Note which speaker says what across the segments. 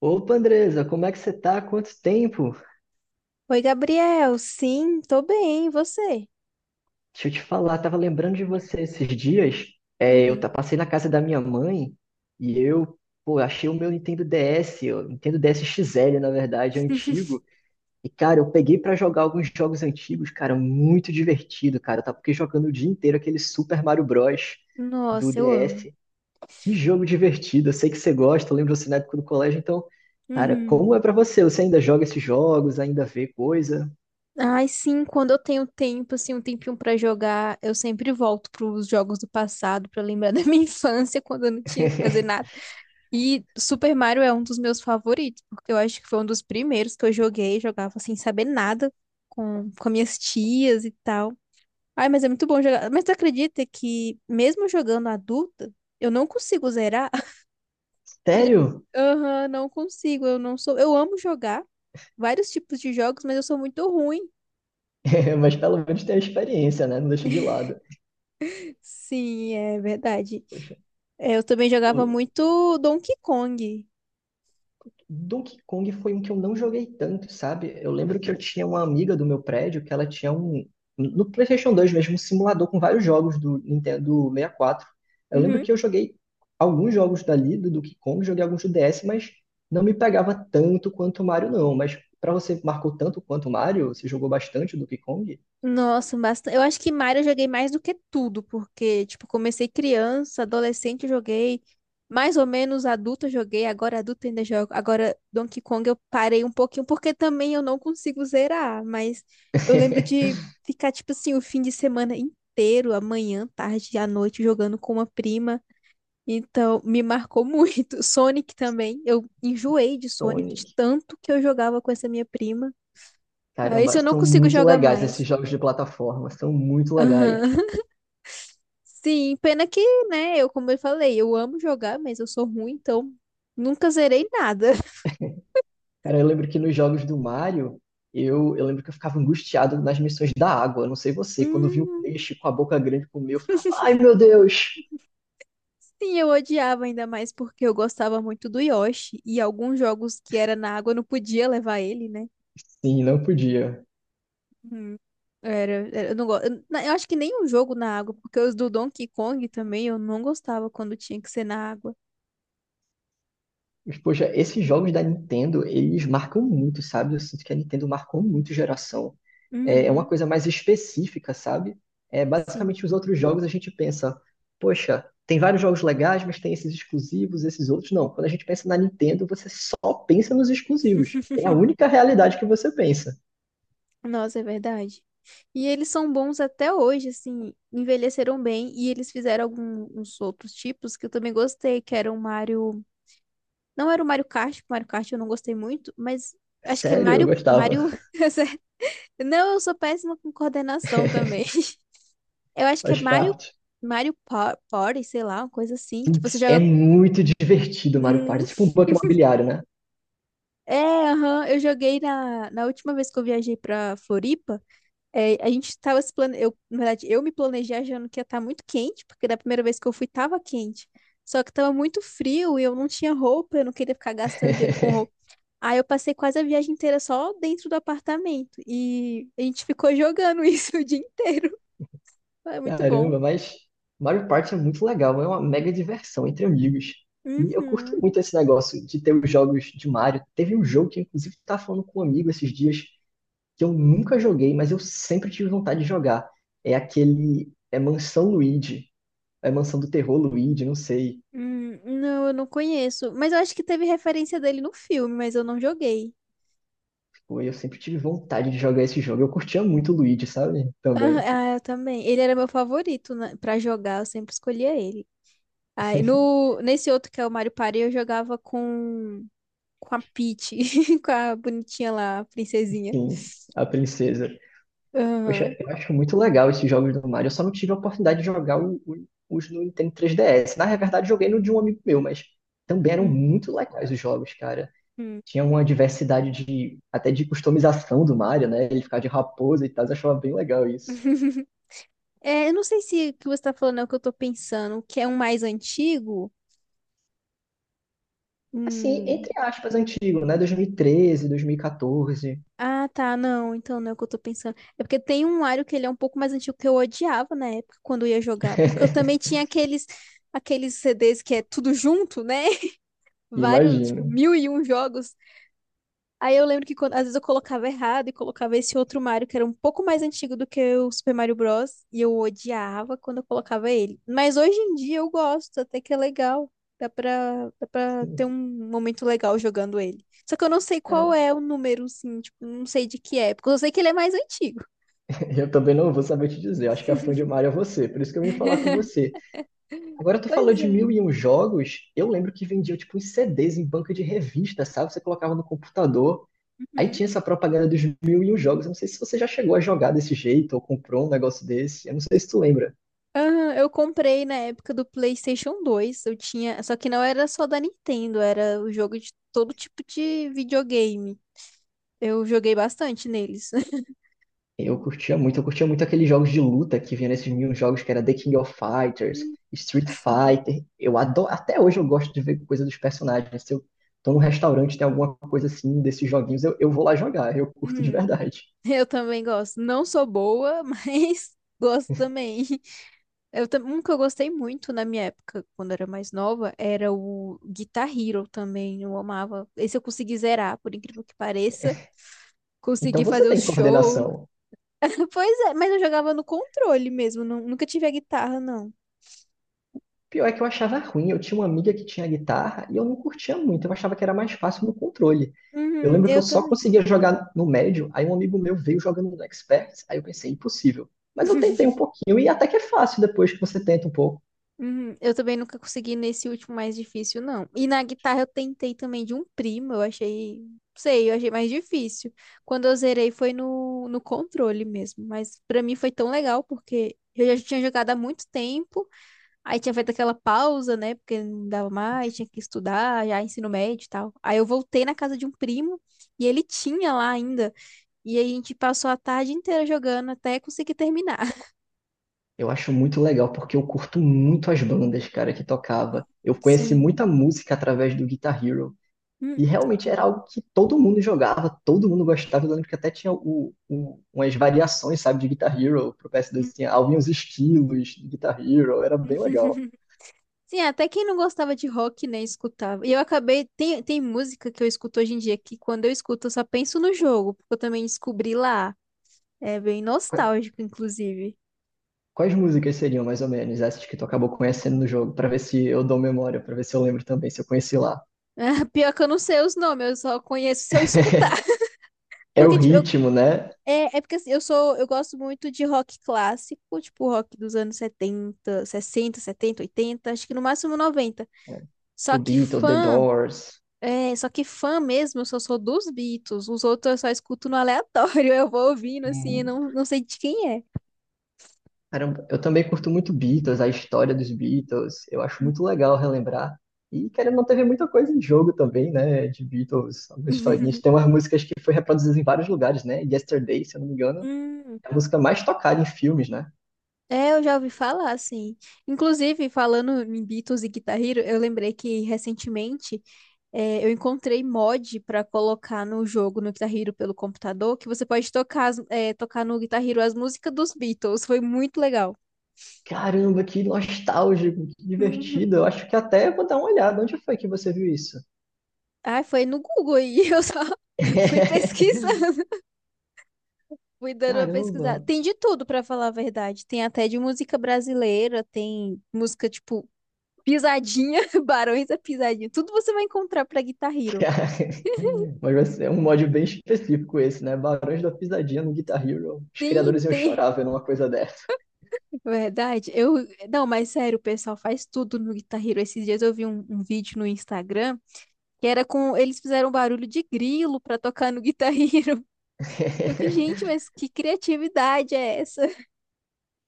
Speaker 1: Opa, Andresa, como é que você tá? Quanto tempo?
Speaker 2: Oi, Gabriel. Sim, tô bem. E você?
Speaker 1: Deixa eu te falar, tava lembrando de você esses dias.
Speaker 2: Uhum.
Speaker 1: Passei na casa da minha mãe e pô, achei o meu Nintendo DS, o Nintendo DS XL, na verdade, antigo. E, cara, eu peguei pra jogar alguns jogos antigos, cara, muito divertido, cara. Tá porque jogando o dia inteiro aquele Super Mario Bros. Do
Speaker 2: Nossa, eu amo.
Speaker 1: DS. Que jogo divertido, eu sei que você gosta, eu lembro você na época do colégio, então, cara,
Speaker 2: Uhum.
Speaker 1: como é pra você? Você ainda joga esses jogos, ainda vê coisa?
Speaker 2: Ai, sim, quando eu tenho tempo, assim, um tempinho pra jogar, eu sempre volto pros jogos do passado pra lembrar da minha infância, quando eu não tinha que fazer nada. E Super Mario é um dos meus favoritos, porque eu acho que foi um dos primeiros que eu joguei, jogava sem saber nada com minhas tias e tal. Ai, mas é muito bom jogar. Mas tu acredita que mesmo jogando adulta, eu não consigo zerar? Você já-
Speaker 1: Sério?
Speaker 2: Aham, não consigo, eu não sou. Eu amo jogar vários tipos de jogos, mas eu sou muito ruim.
Speaker 1: Mas pelo menos tem a experiência, né? Não deixa de lado.
Speaker 2: Sim, é verdade.
Speaker 1: Poxa,
Speaker 2: É, eu também
Speaker 1: o
Speaker 2: jogava muito Donkey Kong.
Speaker 1: Donkey Kong foi um que eu não joguei tanto, sabe? Eu lembro que eu tinha uma amiga do meu prédio que ela tinha um. No PlayStation 2 mesmo, um simulador com vários jogos do Nintendo 64. Eu lembro
Speaker 2: Uhum.
Speaker 1: que eu joguei alguns jogos dali, do Donkey Kong, joguei alguns do DS, mas não me pegava tanto quanto o Mario, não. Mas pra você, marcou tanto quanto o Mario? Você jogou bastante o Donkey Kong?
Speaker 2: Nossa, bastante. Eu acho que Mario eu joguei mais do que tudo, porque, tipo, comecei criança, adolescente eu joguei, mais ou menos adulto eu joguei, agora adulto ainda jogo. Agora Donkey Kong eu parei um pouquinho, porque também eu não consigo zerar, mas eu lembro de ficar, tipo assim, o fim de semana inteiro, amanhã, tarde, à noite, jogando com uma prima. Então, me marcou muito. Sonic também, eu enjoei de Sonic, de
Speaker 1: Sonic.
Speaker 2: tanto que eu jogava com essa minha prima. Ah, esse
Speaker 1: Caramba,
Speaker 2: eu não
Speaker 1: são
Speaker 2: consigo
Speaker 1: muito
Speaker 2: jogar
Speaker 1: legais
Speaker 2: mais.
Speaker 1: esses jogos de plataforma, são muito legais.
Speaker 2: Aham. Sim, pena que, né, eu, como eu falei, eu amo jogar, mas eu sou ruim, então nunca zerei nada.
Speaker 1: Cara, eu lembro que nos jogos do Mario, eu lembro que eu ficava angustiado nas missões da água. Não sei você, quando eu vi o
Speaker 2: Hum,
Speaker 1: peixe com a boca grande comer, eu ficava, ai meu Deus!
Speaker 2: sim, eu odiava ainda mais porque eu gostava muito do Yoshi e alguns jogos que era na água eu não podia levar ele, né?
Speaker 1: Sim, não podia.
Speaker 2: Hum, eu não gosto. Eu acho que nem um jogo na água, porque os do Donkey Kong também eu não gostava quando tinha que ser na água.
Speaker 1: Mas, poxa, esses jogos da Nintendo, eles marcam muito, sabe? Eu sinto que a Nintendo marcou muito geração. É uma
Speaker 2: Uhum,
Speaker 1: coisa mais específica, sabe? É,
Speaker 2: sim.
Speaker 1: basicamente, os outros jogos a gente pensa, poxa, tem vários jogos legais, mas tem esses exclusivos, esses outros não. Quando a gente pensa na Nintendo, você só pensa nos exclusivos. É a única realidade que você pensa.
Speaker 2: Nossa, é verdade. E eles são bons até hoje, assim, envelheceram bem e eles fizeram alguns outros tipos que eu também gostei, que era o Mario, não era o Mario Kart, porque o Mario Kart eu não gostei muito, mas acho que é
Speaker 1: Sério, eu
Speaker 2: Mario, Mario,
Speaker 1: gostava.
Speaker 2: não, eu sou péssima com coordenação também. Eu acho que é
Speaker 1: Faz
Speaker 2: Mario,
Speaker 1: parte.
Speaker 2: Mario Party, sei lá, uma coisa assim, que você
Speaker 1: Putz, é
Speaker 2: joga.
Speaker 1: muito divertido Mario Party.
Speaker 2: Hum,
Speaker 1: É tipo um banco imobiliário, né?
Speaker 2: é, aham, eu joguei na última vez que eu viajei pra Floripa. É, a gente tava se plane... eu, na verdade, eu me planejei achando que ia estar muito quente, porque da primeira vez que eu fui tava quente. Só que tava muito frio e eu não tinha roupa, eu não queria ficar gastando dinheiro com roupa. Aí eu passei quase a viagem inteira só dentro do apartamento e a gente ficou jogando isso o dia inteiro. É muito bom.
Speaker 1: Caramba, mas Mario Party é muito legal, é uma mega diversão entre amigos. E eu curto
Speaker 2: Uhum.
Speaker 1: muito esse negócio de ter os jogos de Mario. Teve um jogo que, inclusive, estava falando com um amigo esses dias, que eu nunca joguei, mas eu sempre tive vontade de jogar. É aquele. É Mansão Luigi. É Mansão do Terror Luigi, não sei.
Speaker 2: Não, eu não conheço. Mas eu acho que teve referência dele no filme, mas eu não joguei.
Speaker 1: Pô, eu sempre tive vontade de jogar esse jogo. Eu curtia muito o Luigi, sabe?
Speaker 2: Ah,
Speaker 1: Também.
Speaker 2: ah, eu também. Ele era meu favorito, né, pra jogar, eu sempre escolhia ele. Aí, no, nesse outro que é o Mario Party, eu jogava com a Peach, com a bonitinha lá, a princesinha.
Speaker 1: Sim, a princesa.
Speaker 2: Aham.
Speaker 1: Poxa, eu acho muito legal esses jogos do Mario. Eu só não tive a oportunidade de jogar os no Nintendo 3DS. Na verdade, joguei no de um amigo meu, mas também eram muito legais os jogos, cara.
Speaker 2: Uhum.
Speaker 1: Tinha uma diversidade de até de customização do Mario, né? Ele ficava de raposa e tal, eu achava bem legal isso.
Speaker 2: É, eu não sei se o que você tá falando é o que eu tô pensando, que é um mais antigo.
Speaker 1: Assim,
Speaker 2: Hum.
Speaker 1: entre aspas, antigo, né? 2013, 2014.
Speaker 2: Ah, tá, não, então não é o que eu tô pensando. É porque tem um Mario que ele é um pouco mais antigo que eu odiava na época quando eu ia jogar, porque eu também tinha aqueles CDs que é tudo junto, né? Vários,
Speaker 1: Imagino.
Speaker 2: tipo, mil e um jogos. Aí eu lembro que às vezes eu colocava errado e colocava esse outro Mario que era um pouco mais antigo do que o Super Mario Bros. E eu odiava quando eu colocava ele. Mas hoje em dia eu gosto, até que é legal. Dá pra ter um momento legal jogando ele. Só que eu não sei qual
Speaker 1: Cara,
Speaker 2: é o número, assim, tipo, não sei de que época. Eu sei que ele é mais antigo.
Speaker 1: eu também não vou saber te dizer. Eu acho que a fã de Mario é você, por isso que eu vim falar com você. Agora tu falou
Speaker 2: Pois
Speaker 1: de
Speaker 2: é.
Speaker 1: mil e um jogos, eu lembro que vendia tipo uns CDs em banca de revista, sabe? Você colocava no computador, aí
Speaker 2: Uhum.
Speaker 1: tinha essa propaganda dos mil e um jogos. Eu não sei se você já chegou a jogar desse jeito ou comprou um negócio desse, eu não sei se tu lembra.
Speaker 2: Aham, eu comprei na época do PlayStation 2. Eu tinha, só que não era só da Nintendo, era o jogo de todo tipo de videogame. Eu joguei bastante neles.
Speaker 1: Eu curtia muito aqueles jogos de luta que vinha nesses mil e um jogos que era The King of Fighters, Street
Speaker 2: Sim.
Speaker 1: Fighter. Eu adoro, até hoje eu gosto de ver coisa dos personagens. Se eu tô num restaurante, tem alguma coisa assim desses joguinhos, eu vou lá jogar, eu curto de
Speaker 2: Hum,
Speaker 1: verdade.
Speaker 2: eu também gosto. Não sou boa, mas gosto também. Um que eu gostei muito na minha época, quando eu era mais nova, era o Guitar Hero também. Eu amava. Esse eu consegui zerar, por incrível que pareça.
Speaker 1: Então
Speaker 2: Consegui fazer
Speaker 1: você
Speaker 2: o
Speaker 1: tem
Speaker 2: show.
Speaker 1: coordenação.
Speaker 2: Pois é, mas eu jogava no controle mesmo. Nunca tive a guitarra, não.
Speaker 1: Pior é que eu achava ruim. Eu tinha uma amiga que tinha guitarra e eu não curtia muito. Eu achava que era mais fácil no controle. Eu
Speaker 2: Uhum,
Speaker 1: lembro que
Speaker 2: eu
Speaker 1: eu só
Speaker 2: também.
Speaker 1: conseguia jogar no médio, aí um amigo meu veio jogando no expert, aí eu pensei, impossível. Mas eu tentei um pouquinho e até que é fácil depois que você tenta um pouco.
Speaker 2: Uhum, eu também nunca consegui nesse último mais difícil, não. E na guitarra eu tentei também de um primo, eu achei mais difícil. Quando eu zerei foi no controle mesmo, mas pra mim foi tão legal porque eu já tinha jogado há muito tempo, aí tinha feito aquela pausa, né, porque não dava mais, tinha que estudar, já ensino médio e tal. Aí eu voltei na casa de um primo e ele tinha lá ainda, e aí a gente passou a tarde inteira jogando até conseguir terminar.
Speaker 1: Eu acho muito legal porque eu curto muito as bandas, cara, que tocava. Eu conheci
Speaker 2: Sim.
Speaker 1: muita música através do Guitar Hero.
Speaker 2: Hum,
Speaker 1: E
Speaker 2: eu
Speaker 1: realmente era
Speaker 2: também.
Speaker 1: algo que todo mundo jogava, todo mundo gostava. Eu lembro que até tinha umas variações, sabe, de Guitar Hero pro PS2. Tinha alguns estilos de Guitar Hero, era bem legal.
Speaker 2: Sim, até quem não gostava de rock, né, escutava. E eu acabei. Tem música que eu escuto hoje em dia que quando eu escuto eu só penso no jogo, porque eu também descobri lá. É bem
Speaker 1: Qua-
Speaker 2: nostálgico, inclusive.
Speaker 1: Quais músicas seriam, mais ou menos, essas que tu acabou conhecendo no jogo? Pra ver se eu dou memória, pra ver se eu lembro também, se eu conheci lá.
Speaker 2: Pior que eu não sei os nomes, eu só conheço se eu escutar.
Speaker 1: É o
Speaker 2: Porque, tipo, eu.
Speaker 1: ritmo, né?
Speaker 2: É porque assim, eu gosto muito de rock clássico, tipo rock dos anos 70 60 70 80 acho que no máximo 90.
Speaker 1: É.
Speaker 2: Só
Speaker 1: Tipo
Speaker 2: que
Speaker 1: Beatles, The
Speaker 2: fã.
Speaker 1: Doors.
Speaker 2: É, só que fã mesmo, eu só sou dos Beatles. Os outros eu só escuto no aleatório. Eu vou ouvindo, assim, eu não sei de quem é.
Speaker 1: Caramba, eu também curto muito Beatles, a história dos Beatles. Eu acho muito legal relembrar. E, querendo ou não, teve muita coisa em jogo também, né? De Beatles, algumas historinhas. Tem umas músicas que foi reproduzidas em vários lugares, né? Yesterday, se eu não me engano,
Speaker 2: Hum,
Speaker 1: é a música mais tocada em filmes, né?
Speaker 2: é, eu já ouvi falar, assim. Inclusive, falando em Beatles e Guitar Hero, eu lembrei que recentemente eu encontrei mod pra colocar no jogo, no Guitar Hero pelo computador, que você pode tocar, tocar no Guitar Hero as músicas dos Beatles. Foi muito legal.
Speaker 1: Caramba, que nostálgico, que
Speaker 2: Uhum.
Speaker 1: divertido. Eu acho que até vou dar uma olhada. Onde foi que você viu isso?
Speaker 2: Ai, foi no Google aí, eu só fui pesquisando. Fui dando uma
Speaker 1: Caramba!
Speaker 2: pesquisada. Tem de tudo, pra falar a verdade. Tem até de música brasileira, tem música tipo Pisadinha, Barões da Pisadinha. Tudo você vai encontrar pra Guitar Hero.
Speaker 1: Mas vai ser um mod bem específico esse, né? Barões da Pisadinha no Guitar Hero. Os
Speaker 2: Tem,
Speaker 1: criadores iam
Speaker 2: tem.
Speaker 1: chorar vendo uma coisa dessa.
Speaker 2: Verdade. Eu, não, mas sério, o pessoal faz tudo no Guitar Hero. Esses dias eu vi um, vídeo no Instagram que era com eles fizeram um barulho de grilo pra tocar no Guitar Hero. Eu que, gente, mas que criatividade é essa?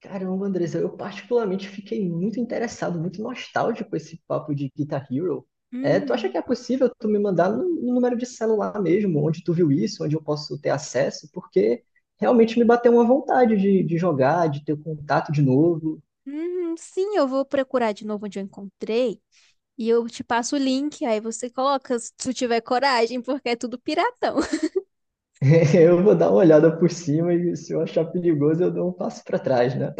Speaker 1: Caramba, Andressa, eu particularmente fiquei muito interessado, muito nostálgico com esse papo de Guitar Hero. É, tu acha que
Speaker 2: Uhum.
Speaker 1: é possível tu me mandar no número de celular mesmo, onde tu viu isso, onde eu posso ter acesso? Porque realmente me bateu uma vontade de jogar, de ter contato de novo.
Speaker 2: Uhum, sim, eu vou procurar de novo onde eu encontrei. E eu te passo o link, aí você coloca se tu tiver coragem, porque é tudo piratão.
Speaker 1: Eu vou dar uma olhada por cima e se eu achar perigoso, eu dou um passo para trás, né?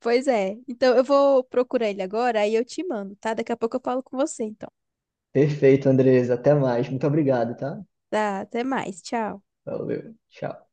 Speaker 2: Pois é. Então eu vou procurar ele agora, aí eu te mando, tá? Daqui a pouco eu falo com você, então.
Speaker 1: Perfeito, Andressa, até mais. Muito obrigado, tá?
Speaker 2: Tá, até mais. Tchau.
Speaker 1: Valeu, tchau.